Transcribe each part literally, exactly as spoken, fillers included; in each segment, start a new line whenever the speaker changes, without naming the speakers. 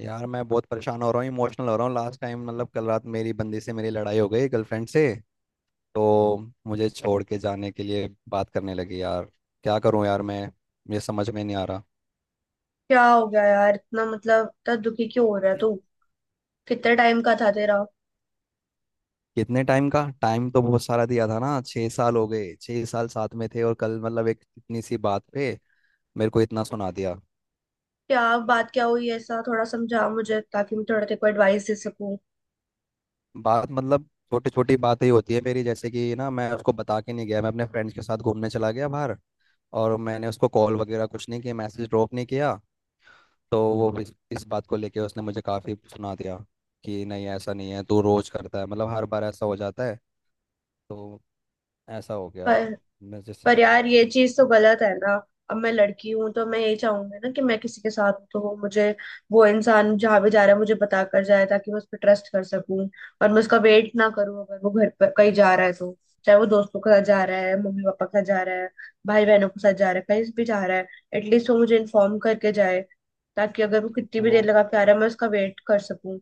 यार मैं बहुत परेशान हो रहा हूँ, इमोशनल हो रहा हूँ। लास्ट टाइम मतलब कल रात मेरी बंदी से मेरी लड़ाई हो गई, गर्लफ्रेंड से। तो मुझे छोड़ के जाने के लिए बात करने लगी यार। क्या करूँ यार? मैं मुझे समझ में नहीं आ रहा।
क्या हो गया यार? इतना मतलब इतना दुखी क्यों हो रहा है तू? कितने टाइम का था तेरा?
कितने टाइम का? टाइम तो बहुत सारा दिया था ना, छह साल हो गए। छह साल साथ में थे और कल मतलब एक इतनी सी बात पे मेरे को इतना सुना दिया।
क्या? बात क्या हुई? ऐसा थोड़ा समझा मुझे ताकि मैं थोड़ा तेरे को एडवाइस दे सकूं।
बात मतलब छोटी छोटी बातें ही होती है मेरी। जैसे कि ना, मैं उसको बता के नहीं गया, मैं अपने फ्रेंड्स के साथ घूमने चला गया बाहर। और मैंने उसको कॉल वगैरह कुछ नहीं किया, मैसेज ड्रॉप नहीं किया। तो वो इस, इस बात को लेके उसने मुझे काफ़ी सुना दिया कि नहीं ऐसा नहीं है, तू रोज करता है, मतलब हर बार ऐसा हो जाता है। तो ऐसा हो गया।
पर
मैं
पर
जैसे
यार ये चीज तो गलत है ना। अब मैं लड़की हूं तो मैं यही चाहूंगी ना कि मैं किसी के साथ हूं तो वो मुझे, वो इंसान जहां भी जा रहा है मुझे बता कर जाए ताकि मैं उस पर ट्रस्ट कर सकूं और मैं उसका वेट ना करूं। अगर वो घर पर कहीं जा रहा है तो चाहे वो दोस्तों के साथ जा रहा है, मम्मी पापा के साथ जा रहा है, भाई बहनों के साथ जा रहा है, कहीं भी जा रहा है, एटलीस्ट वो मुझे इन्फॉर्म करके जाए ताकि अगर वो कितनी भी
वो
देर लगा के आ रहा है मैं उसका वेट कर सकूं।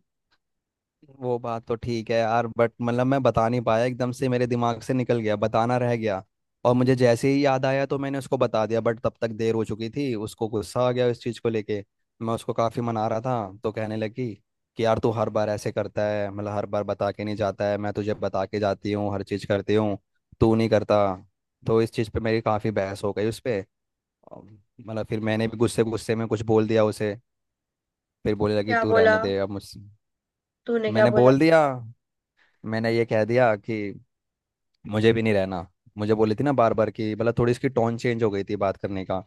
वो बात तो ठीक है यार, बट मतलब मैं बता नहीं पाया, एकदम से मेरे दिमाग से निकल गया, बताना रह गया। और मुझे जैसे ही याद आया तो मैंने उसको बता दिया, बट तब तक देर हो चुकी थी, उसको गुस्सा आ गया इस चीज़ को लेके। मैं उसको काफ़ी मना रहा था तो कहने लगी कि यार तू हर बार ऐसे करता है, मतलब हर बार बता के नहीं जाता है, मैं तुझे बता के जाती हूँ, हर चीज़ करती हूँ, तू नहीं करता। तो इस चीज़ पे मेरी काफ़ी बहस हो गई उस पर। मतलब फिर मैंने भी गुस्से गुस्से में कुछ बोल दिया उसे। फिर बोलने लगी
क्या
तू
बोला?
रहने दे अब मुझसे।
तूने क्या
मैंने
बोला?
बोल दिया, मैंने ये कह दिया कि मुझे भी नहीं रहना। मुझे बोली थी ना बार बार कि मतलब थोड़ी इसकी टोन चेंज हो गई थी बात करने का।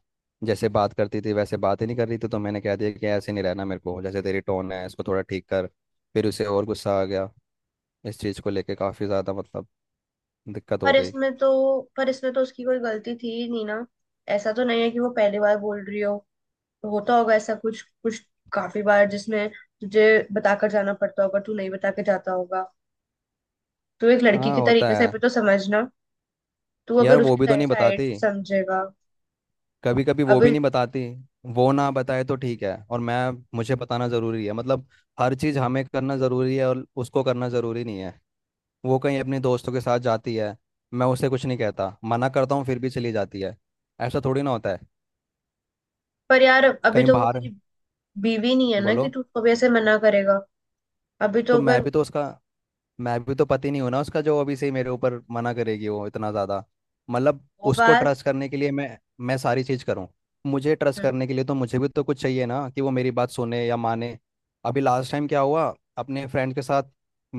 जैसे बात करती थी वैसे बात ही नहीं कर रही थी, तो मैंने कह दिया कि ऐसे नहीं रहना मेरे को, जैसे तेरी टोन है इसको थोड़ा ठीक कर। फिर उसे और गुस्सा आ गया इस चीज़ को लेके, काफ़ी ज़्यादा मतलब दिक्कत हो
पर
गई।
इसमें तो पर इसमें तो उसकी कोई गलती थी ही नहीं ना। ऐसा तो नहीं है कि वो पहली बार बोल रही हो, तो होता होगा ऐसा कुछ कुछ काफी बार जिसमें तुझे बताकर जाना पड़ता होगा, तू नहीं बता के जाता होगा। तो एक लड़की
हाँ
के
होता
तरीके से
है।
भी तो समझना। तू
यार
अगर
वो
उसकी
भी तो नहीं
साइड
बताती,
से समझेगा।
कभी कभी वो भी
अभी,
नहीं बताती। वो ना बताए तो ठीक है, और मैं, मुझे बताना ज़रूरी है, मतलब हर चीज़ हमें करना ज़रूरी है और उसको करना ज़रूरी नहीं है। वो कहीं अपने दोस्तों के साथ जाती है, मैं उसे कुछ नहीं कहता, मना करता हूँ फिर भी चली जाती है। ऐसा थोड़ी ना होता है,
पर यार अभी
कहीं
तो वो
बाहर।
तेरी बीवी नहीं है ना कि
बोलो।
तू उसको भी ऐसे मना करेगा। अभी
तो
तो
मैं
अगर
भी तो उसका, मैं भी तो पति नहीं हूं ना उसका, जो अभी से ही मेरे ऊपर मना करेगी वो इतना ज़्यादा मतलब।
वो
उसको
बात
ट्रस्ट करने के लिए मैं मैं सारी चीज़ करूँ, मुझे ट्रस्ट
हम्म,
करने के लिए तो मुझे भी तो कुछ चाहिए ना कि वो मेरी बात सुने या माने। अभी लास्ट टाइम क्या हुआ, अपने फ्रेंड के साथ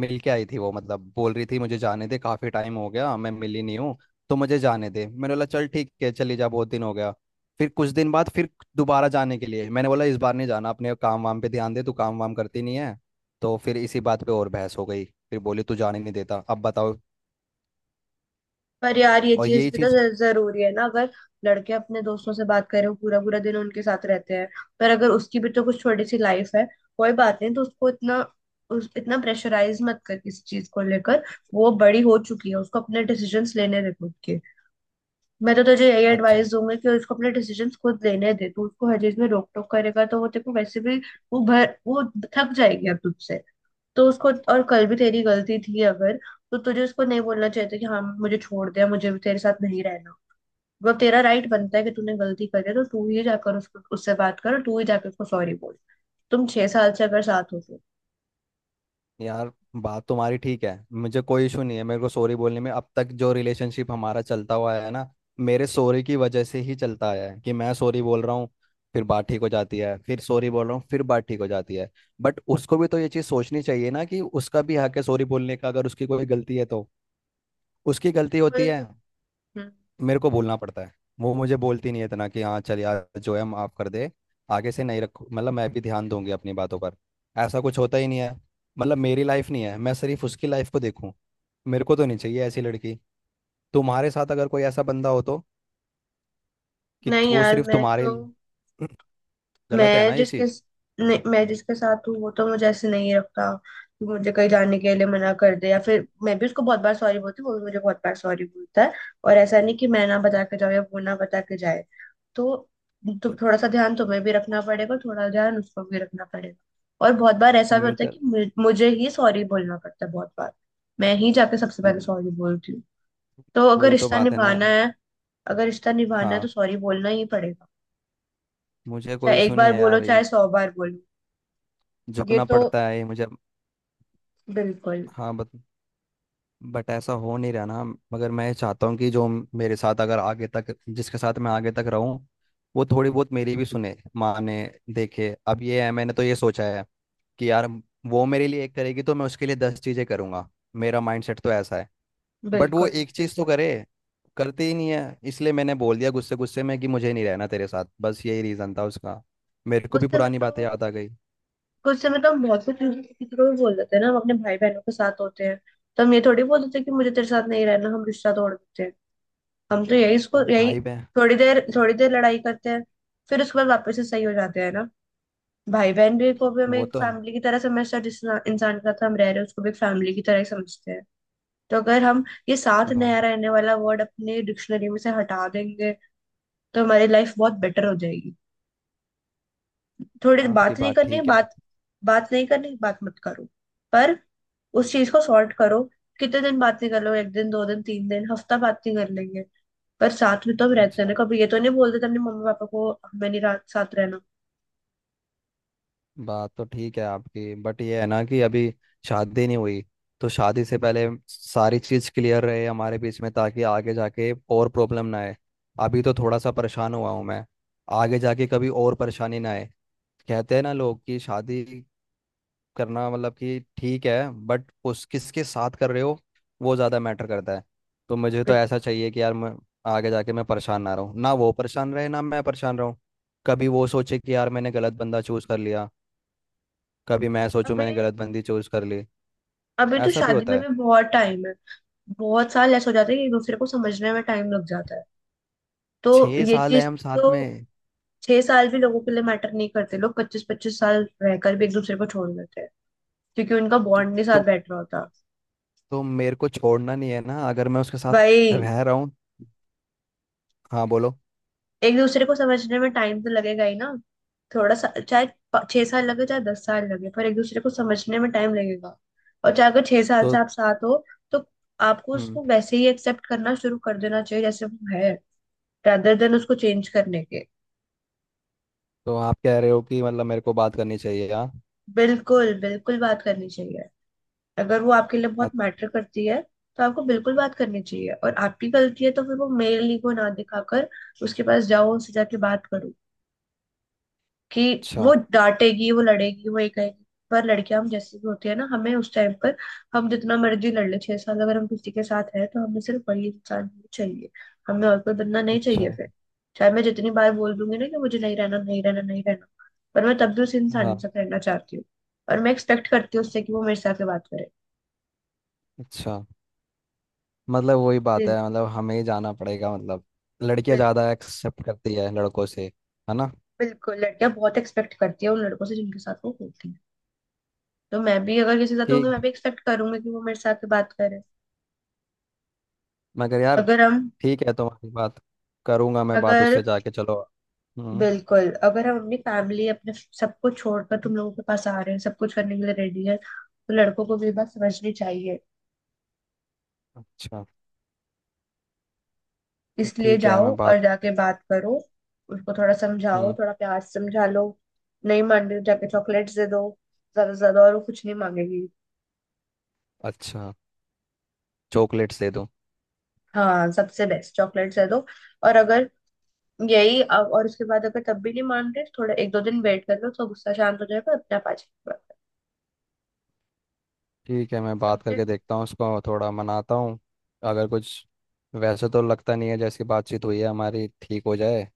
मिल के आई थी वो, मतलब बोल रही थी मुझे जाने दे, काफ़ी टाइम हो गया, मैं मिली नहीं हूँ, तो मुझे जाने दे। मैंने बोला चल ठीक है चली जा, बहुत दिन हो गया। फिर कुछ दिन बाद फिर दोबारा जाने के लिए मैंने बोला इस बार नहीं जाना, अपने काम वाम पे ध्यान दे, तू काम वाम करती नहीं है। तो फिर इसी बात पे और बहस हो गई। फिर बोली तू जाने नहीं देता, अब बताओ।
पर यार ये
और
चीज
यही
भी तो
चीज।
ज- जरूरी है ना? अगर लड़के अपने दोस्तों से बात करें वो पूरा पूरा दिन उनके साथ रहते हैं, पर अगर उसकी भी तो कुछ छोटी सी लाइफ है, कोई बात नहीं तो उसको इतना, उस इतना प्रेशराइज मत कर किसी चीज को लेकर। वो बड़ी हो चुकी है, उसको अपने डिसीजंस लेने दे खुद के। मैं तो तुझे यही एडवाइस
अच्छा।
दूंगी कि उसको अपने डिसीजंस खुद लेने दे, तू उसको हर चीज में रोक टोक करेगा तो वो तेरे को वैसे भी वो भर वो थक जाएगी अब तुझसे। तो उसको, और कल भी तेरी गलती थी अगर, तो तुझे उसको नहीं बोलना चाहिए था कि हाँ मुझे छोड़ दे मुझे भी तेरे साथ नहीं रहना। वो तेरा राइट बनता है कि तूने गलती करी है तो तू ही जाकर उसको उससे बात कर और तू ही जाकर उसको सॉरी बोल। तुम छह साल से अगर साथ हो तो
यार बात तुम्हारी ठीक है, मुझे कोई इशू नहीं है मेरे को सॉरी बोलने में। अब तक जो रिलेशनशिप हमारा चलता हुआ है ना, मेरे सॉरी की वजह से ही चलता आया है। कि मैं सॉरी बोल रहा हूँ, फिर बात ठीक हो जाती है, फिर सॉरी बोल रहा हूँ, फिर बात ठीक हो जाती है। बट उसको भी तो ये चीज़ सोचनी चाहिए ना, कि उसका भी हक है सॉरी बोलने का अगर उसकी कोई गलती है तो। उसकी गलती होती है,
पर, हम्म,
मेरे को बोलना पड़ता है। वो मुझे बोलती नहीं है इतना कि हाँ चल यार जो है माफ कर दे, आगे से नहीं रखो, मतलब मैं भी ध्यान दूंगी अपनी बातों पर। ऐसा कुछ होता ही नहीं है। मतलब मेरी लाइफ नहीं है, मैं सिर्फ उसकी लाइफ को देखूं। मेरे को तो नहीं चाहिए ऐसी लड़की। तुम्हारे साथ अगर कोई ऐसा बंदा हो तो, कि त-
नहीं
वो
यार
सिर्फ
मैं
तुम्हारे
तो
लिए, गलत है
मैं
ना ये
जिसके
चीज़?
नहीं, मैं जिसके साथ हूँ वो तो मुझे ऐसे नहीं रखता कि मुझे कहीं जाने के लिए मना कर दे, या फिर मैं भी उसको बहुत बार सॉरी बोलती हूँ, वो भी मुझे बहुत बार सॉरी बोलता है। और ऐसा नहीं कि मैं ना बता के जाऊँ या वो ना बता के जाए। तो तो
तो
थोड़ा सा ध्यान तुम्हें भी रखना पड़ेगा, थोड़ा ध्यान उसको भी रखना पड़ेगा। और बहुत बार ऐसा भी होता है
म्यूचुअल,
कि मु- मुझे ही सॉरी बोलना पड़ता है बहुत बार। मैं ही जाके सबसे
तो
पहले
ये,
सॉरी बोलती हूँ। तो अगर
वही तो
रिश्ता
बात है ना
निभाना
यार।
है अगर रिश्ता निभाना है
हाँ
तो सॉरी बोलना ही पड़ेगा।
मुझे कोई
चाहे
इशू
एक
नहीं
बार
है
बोलो
यार ये,
चाहे सौ बार बोलो। ये
झुकना
तो
पड़ता है ये मुझे।
बिल्कुल।
हाँ बत बट ऐसा हो नहीं रहा ना। मगर मैं चाहता हूँ कि जो मेरे साथ, अगर आगे तक जिसके साथ मैं आगे तक रहूँ, वो थोड़ी बहुत मेरी भी सुने माने देखे, अब ये है। मैंने तो ये सोचा है कि यार वो मेरे लिए एक करेगी तो मैं उसके लिए दस चीज़ें करूँगा, मेरा माइंडसेट तो ऐसा है। बट वो
बिल्कुल।
एक चीज़ तो
बिल्कुल।
करे। करती ही नहीं है, इसलिए मैंने बोल दिया गुस्से गुस्से में कि मुझे नहीं रहना तेरे साथ, बस यही रीज़न था उसका। मेरे को भी
गुस्से में
पुरानी
तो
बातें याद आ गई।
गुस्से में तो हम बहुत कुछ किसी को भी बोल देते हैं ना। हम अपने भाई बहनों के साथ होते हैं तो हम ये थोड़ी बोल देते हैं कि मुझे तेरे साथ नहीं रहना, हम रिश्ता तोड़ देते हैं। हम तो यही इसको
अब
यही
भाई बहन।
थोड़ी देर थोड़ी देर लड़ाई करते हैं फिर उसके बाद वापस से सही हो जाते हैं ना। भाई बहन भी को भी हम
वो
एक
तो है।
फैमिली की तरह समझते हैं, जिस इंसान के साथ हम रह रहे हैं उसको भी एक फैमिली की तरह ही समझते हैं। तो अगर हम ये साथ
भा,
नया रहने वाला वर्ड अपने डिक्शनरी में से हटा देंगे तो हमारी लाइफ बहुत बेटर हो जाएगी। थोड़ी देर
आपकी
बात नहीं
बात
करनी,
ठीक है।
बात बात नहीं करनी, बात मत करो, पर उस चीज को सॉर्ट करो। कितने दिन बात नहीं कर लो? एक दिन, दो दिन, तीन दिन, हफ्ता बात नहीं कर लेंगे। पर साथ में तो हम रहते हैं ना,
अच्छा
कभी ये तो नहीं बोलते थे अपने मम्मी पापा को हमें नहीं रात साथ रहना।
बात तो ठीक है आपकी, बट ये है ना कि अभी शादी नहीं हुई। तो शादी से पहले सारी चीज़ क्लियर रहे हमारे बीच में, ताकि आगे जाके और प्रॉब्लम ना आए। अभी तो थोड़ा सा परेशान हुआ हूँ मैं, आगे जाके कभी और परेशानी ना आए। कहते हैं ना लोग कि शादी करना मतलब कि ठीक है, बट उस किसके साथ कर रहे हो वो ज़्यादा मैटर करता है। तो मुझे तो
बिल्कुल।
ऐसा चाहिए कि यार मैं आगे जाके मैं परेशान ना रहूँ, ना वो परेशान रहे ना मैं परेशान रहूँ। कभी वो सोचे कि यार मैंने गलत बंदा चूज कर लिया, कभी मैं सोचूं
अबे,
मैंने गलत बंदी चूज कर ली,
अभी तो
ऐसा भी
शादी
होता
में
है।
भी बहुत टाइम है। बहुत साल ऐसे हो जाते हैं कि एक दूसरे को समझने में टाइम लग जाता है। तो
छह
ये
साल है
चीज,
हम साथ
तो
में।
छह साल भी लोगों के लिए मैटर नहीं करते, लोग पच्चीस पच्चीस साल रहकर भी एक दूसरे को छोड़ देते हैं क्योंकि उनका
तो
बॉन्ड नहीं साथ
तो
बैठ रहा होता।
तो मेरे को छोड़ना नहीं है ना अगर मैं उसके साथ
भाई,
रह रहा हूँ। हाँ बोलो।
एक दूसरे को समझने में टाइम तो लगेगा ही ना। थोड़ा सा, चाहे प- छह साल लगे चाहे दस साल लगे पर एक दूसरे को समझने में टाइम लगेगा। और चाहे अगर छह साल से
तो
आप साथ हो तो आपको
हम्म
उसको वैसे ही एक्सेप्ट करना शुरू कर देना चाहिए जैसे वो है, rather देन उसको चेंज करने के।
तो आप कह रहे हो कि मतलब मेरे को बात करनी चाहिए यार?
बिल्कुल, बिल्कुल बात करनी चाहिए। अगर वो आपके लिए बहुत मैटर करती है तो आपको बिल्कुल बात करनी चाहिए और आपकी गलती है तो फिर वो मेल ईगो ना दिखाकर उसके पास जाओ, उससे जाके बात करो कि वो
अच्छा।
डांटेगी, वो लड़ेगी, वो ये कहेगी। पर लड़कियां हम जैसी भी होती है ना, हमें उस टाइम पर, हम जितना मर्जी लड़ ले, छह साल अगर हम किसी के साथ हैं तो हमें सिर्फ वही इंसान ही चाहिए। हमें और कोई बंदा नहीं
अच्छा।
चाहिए फिर। चाहे मैं जितनी बार बोल दूंगी ना कि मुझे नहीं रहना, नहीं रहना, नहीं रहना, पर मैं तब भी उस
हाँ।
इंसान से रहना चाहती हूँ। और मैं एक्सपेक्ट करती हूँ उससे कि वो मेरे साथ बात करे।
अच्छा मतलब वही बात
बिल,
है, मतलब हमें ही जाना पड़ेगा, मतलब लड़कियां
बिल,
ज़्यादा एक्सेप्ट करती है लड़कों से, है ना?
बिल्कुल। लड़कियां बहुत एक्सपेक्ट करती है उन लड़कों से जिनके साथ वो होती है। तो मैं भी अगर किसी के साथ होंगी
ठीक
मैं भी एक्सपेक्ट करूंगी कि वो मेरे साथ बात करे।
मगर यार,
अगर हम
ठीक है तुम्हारी बात, करूंगा मैं बात
अगर
उससे जाके चलो। हम्म।
बिल्कुल। अगर हम अपनी फैमिली, अपने सबको छोड़कर तुम लोगों के पास आ रहे हैं, सब कुछ करने के लिए रेडी है, तो लड़कों को भी ये बात समझनी चाहिए।
अच्छा।
इसलिए
ठीक है
जाओ
मैं बात।
और जाके बात करो। उसको थोड़ा समझाओ,
हम्म।
थोड़ा प्यार से समझा लो। नहीं मान रही हो, जाके चॉकलेट्स दे दो ज्यादा से ज्यादा, और वो कुछ नहीं मांगेगी।
अच्छा चॉकलेट्स दे दूँ?
हाँ, सबसे बेस्ट चॉकलेट्स दे दो। और अगर यही अब- और उसके बाद अगर तब भी नहीं मान रहे तो थोड़ा एक दो दिन वेट कर लो तो गुस्सा शांत हो जाएगा, अपने आप आ जाएगा।
ठीक है, मैं बात
समझे?
करके देखता हूँ, उसको थोड़ा मनाता हूँ। अगर कुछ, वैसे तो लगता नहीं है जैसी बातचीत हुई है हमारी ठीक हो जाए।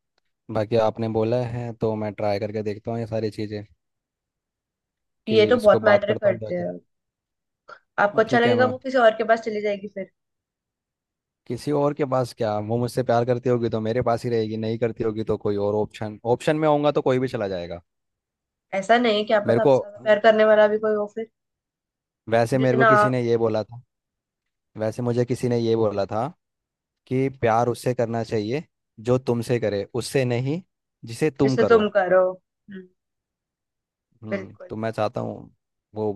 बाकी आपने बोला है तो मैं ट्राई करके देखता हूँ ये सारी चीज़ें, कि
ये तो
इसको
बहुत
बात
मैटर
करता हूँ
करते
जाके।
हैं। आपको अच्छा
ठीक है,
लगेगा
मैं।
वो किसी और के पास चली जाएगी फिर?
किसी और के पास क्या, वो मुझसे प्यार करती होगी तो मेरे पास ही रहेगी, नहीं करती होगी तो कोई और ऑप्शन ऑप्शन में होऊंगा तो कोई भी चला जाएगा।
ऐसा नहीं, क्या
मेरे
पता
को
आपसे ज्यादा प्यार करने वाला भी कोई हो फिर।
वैसे मेरे को
जितना
किसी
आप-
ने ये बोला था, वैसे मुझे किसी ने ये बोला था कि प्यार उससे करना चाहिए जो तुमसे करे, उससे नहीं जिसे तुम
जिससे
करो।
तुम करो, हम्म।
हम्म
बिल्कुल।
तो मैं चाहता हूँ वो।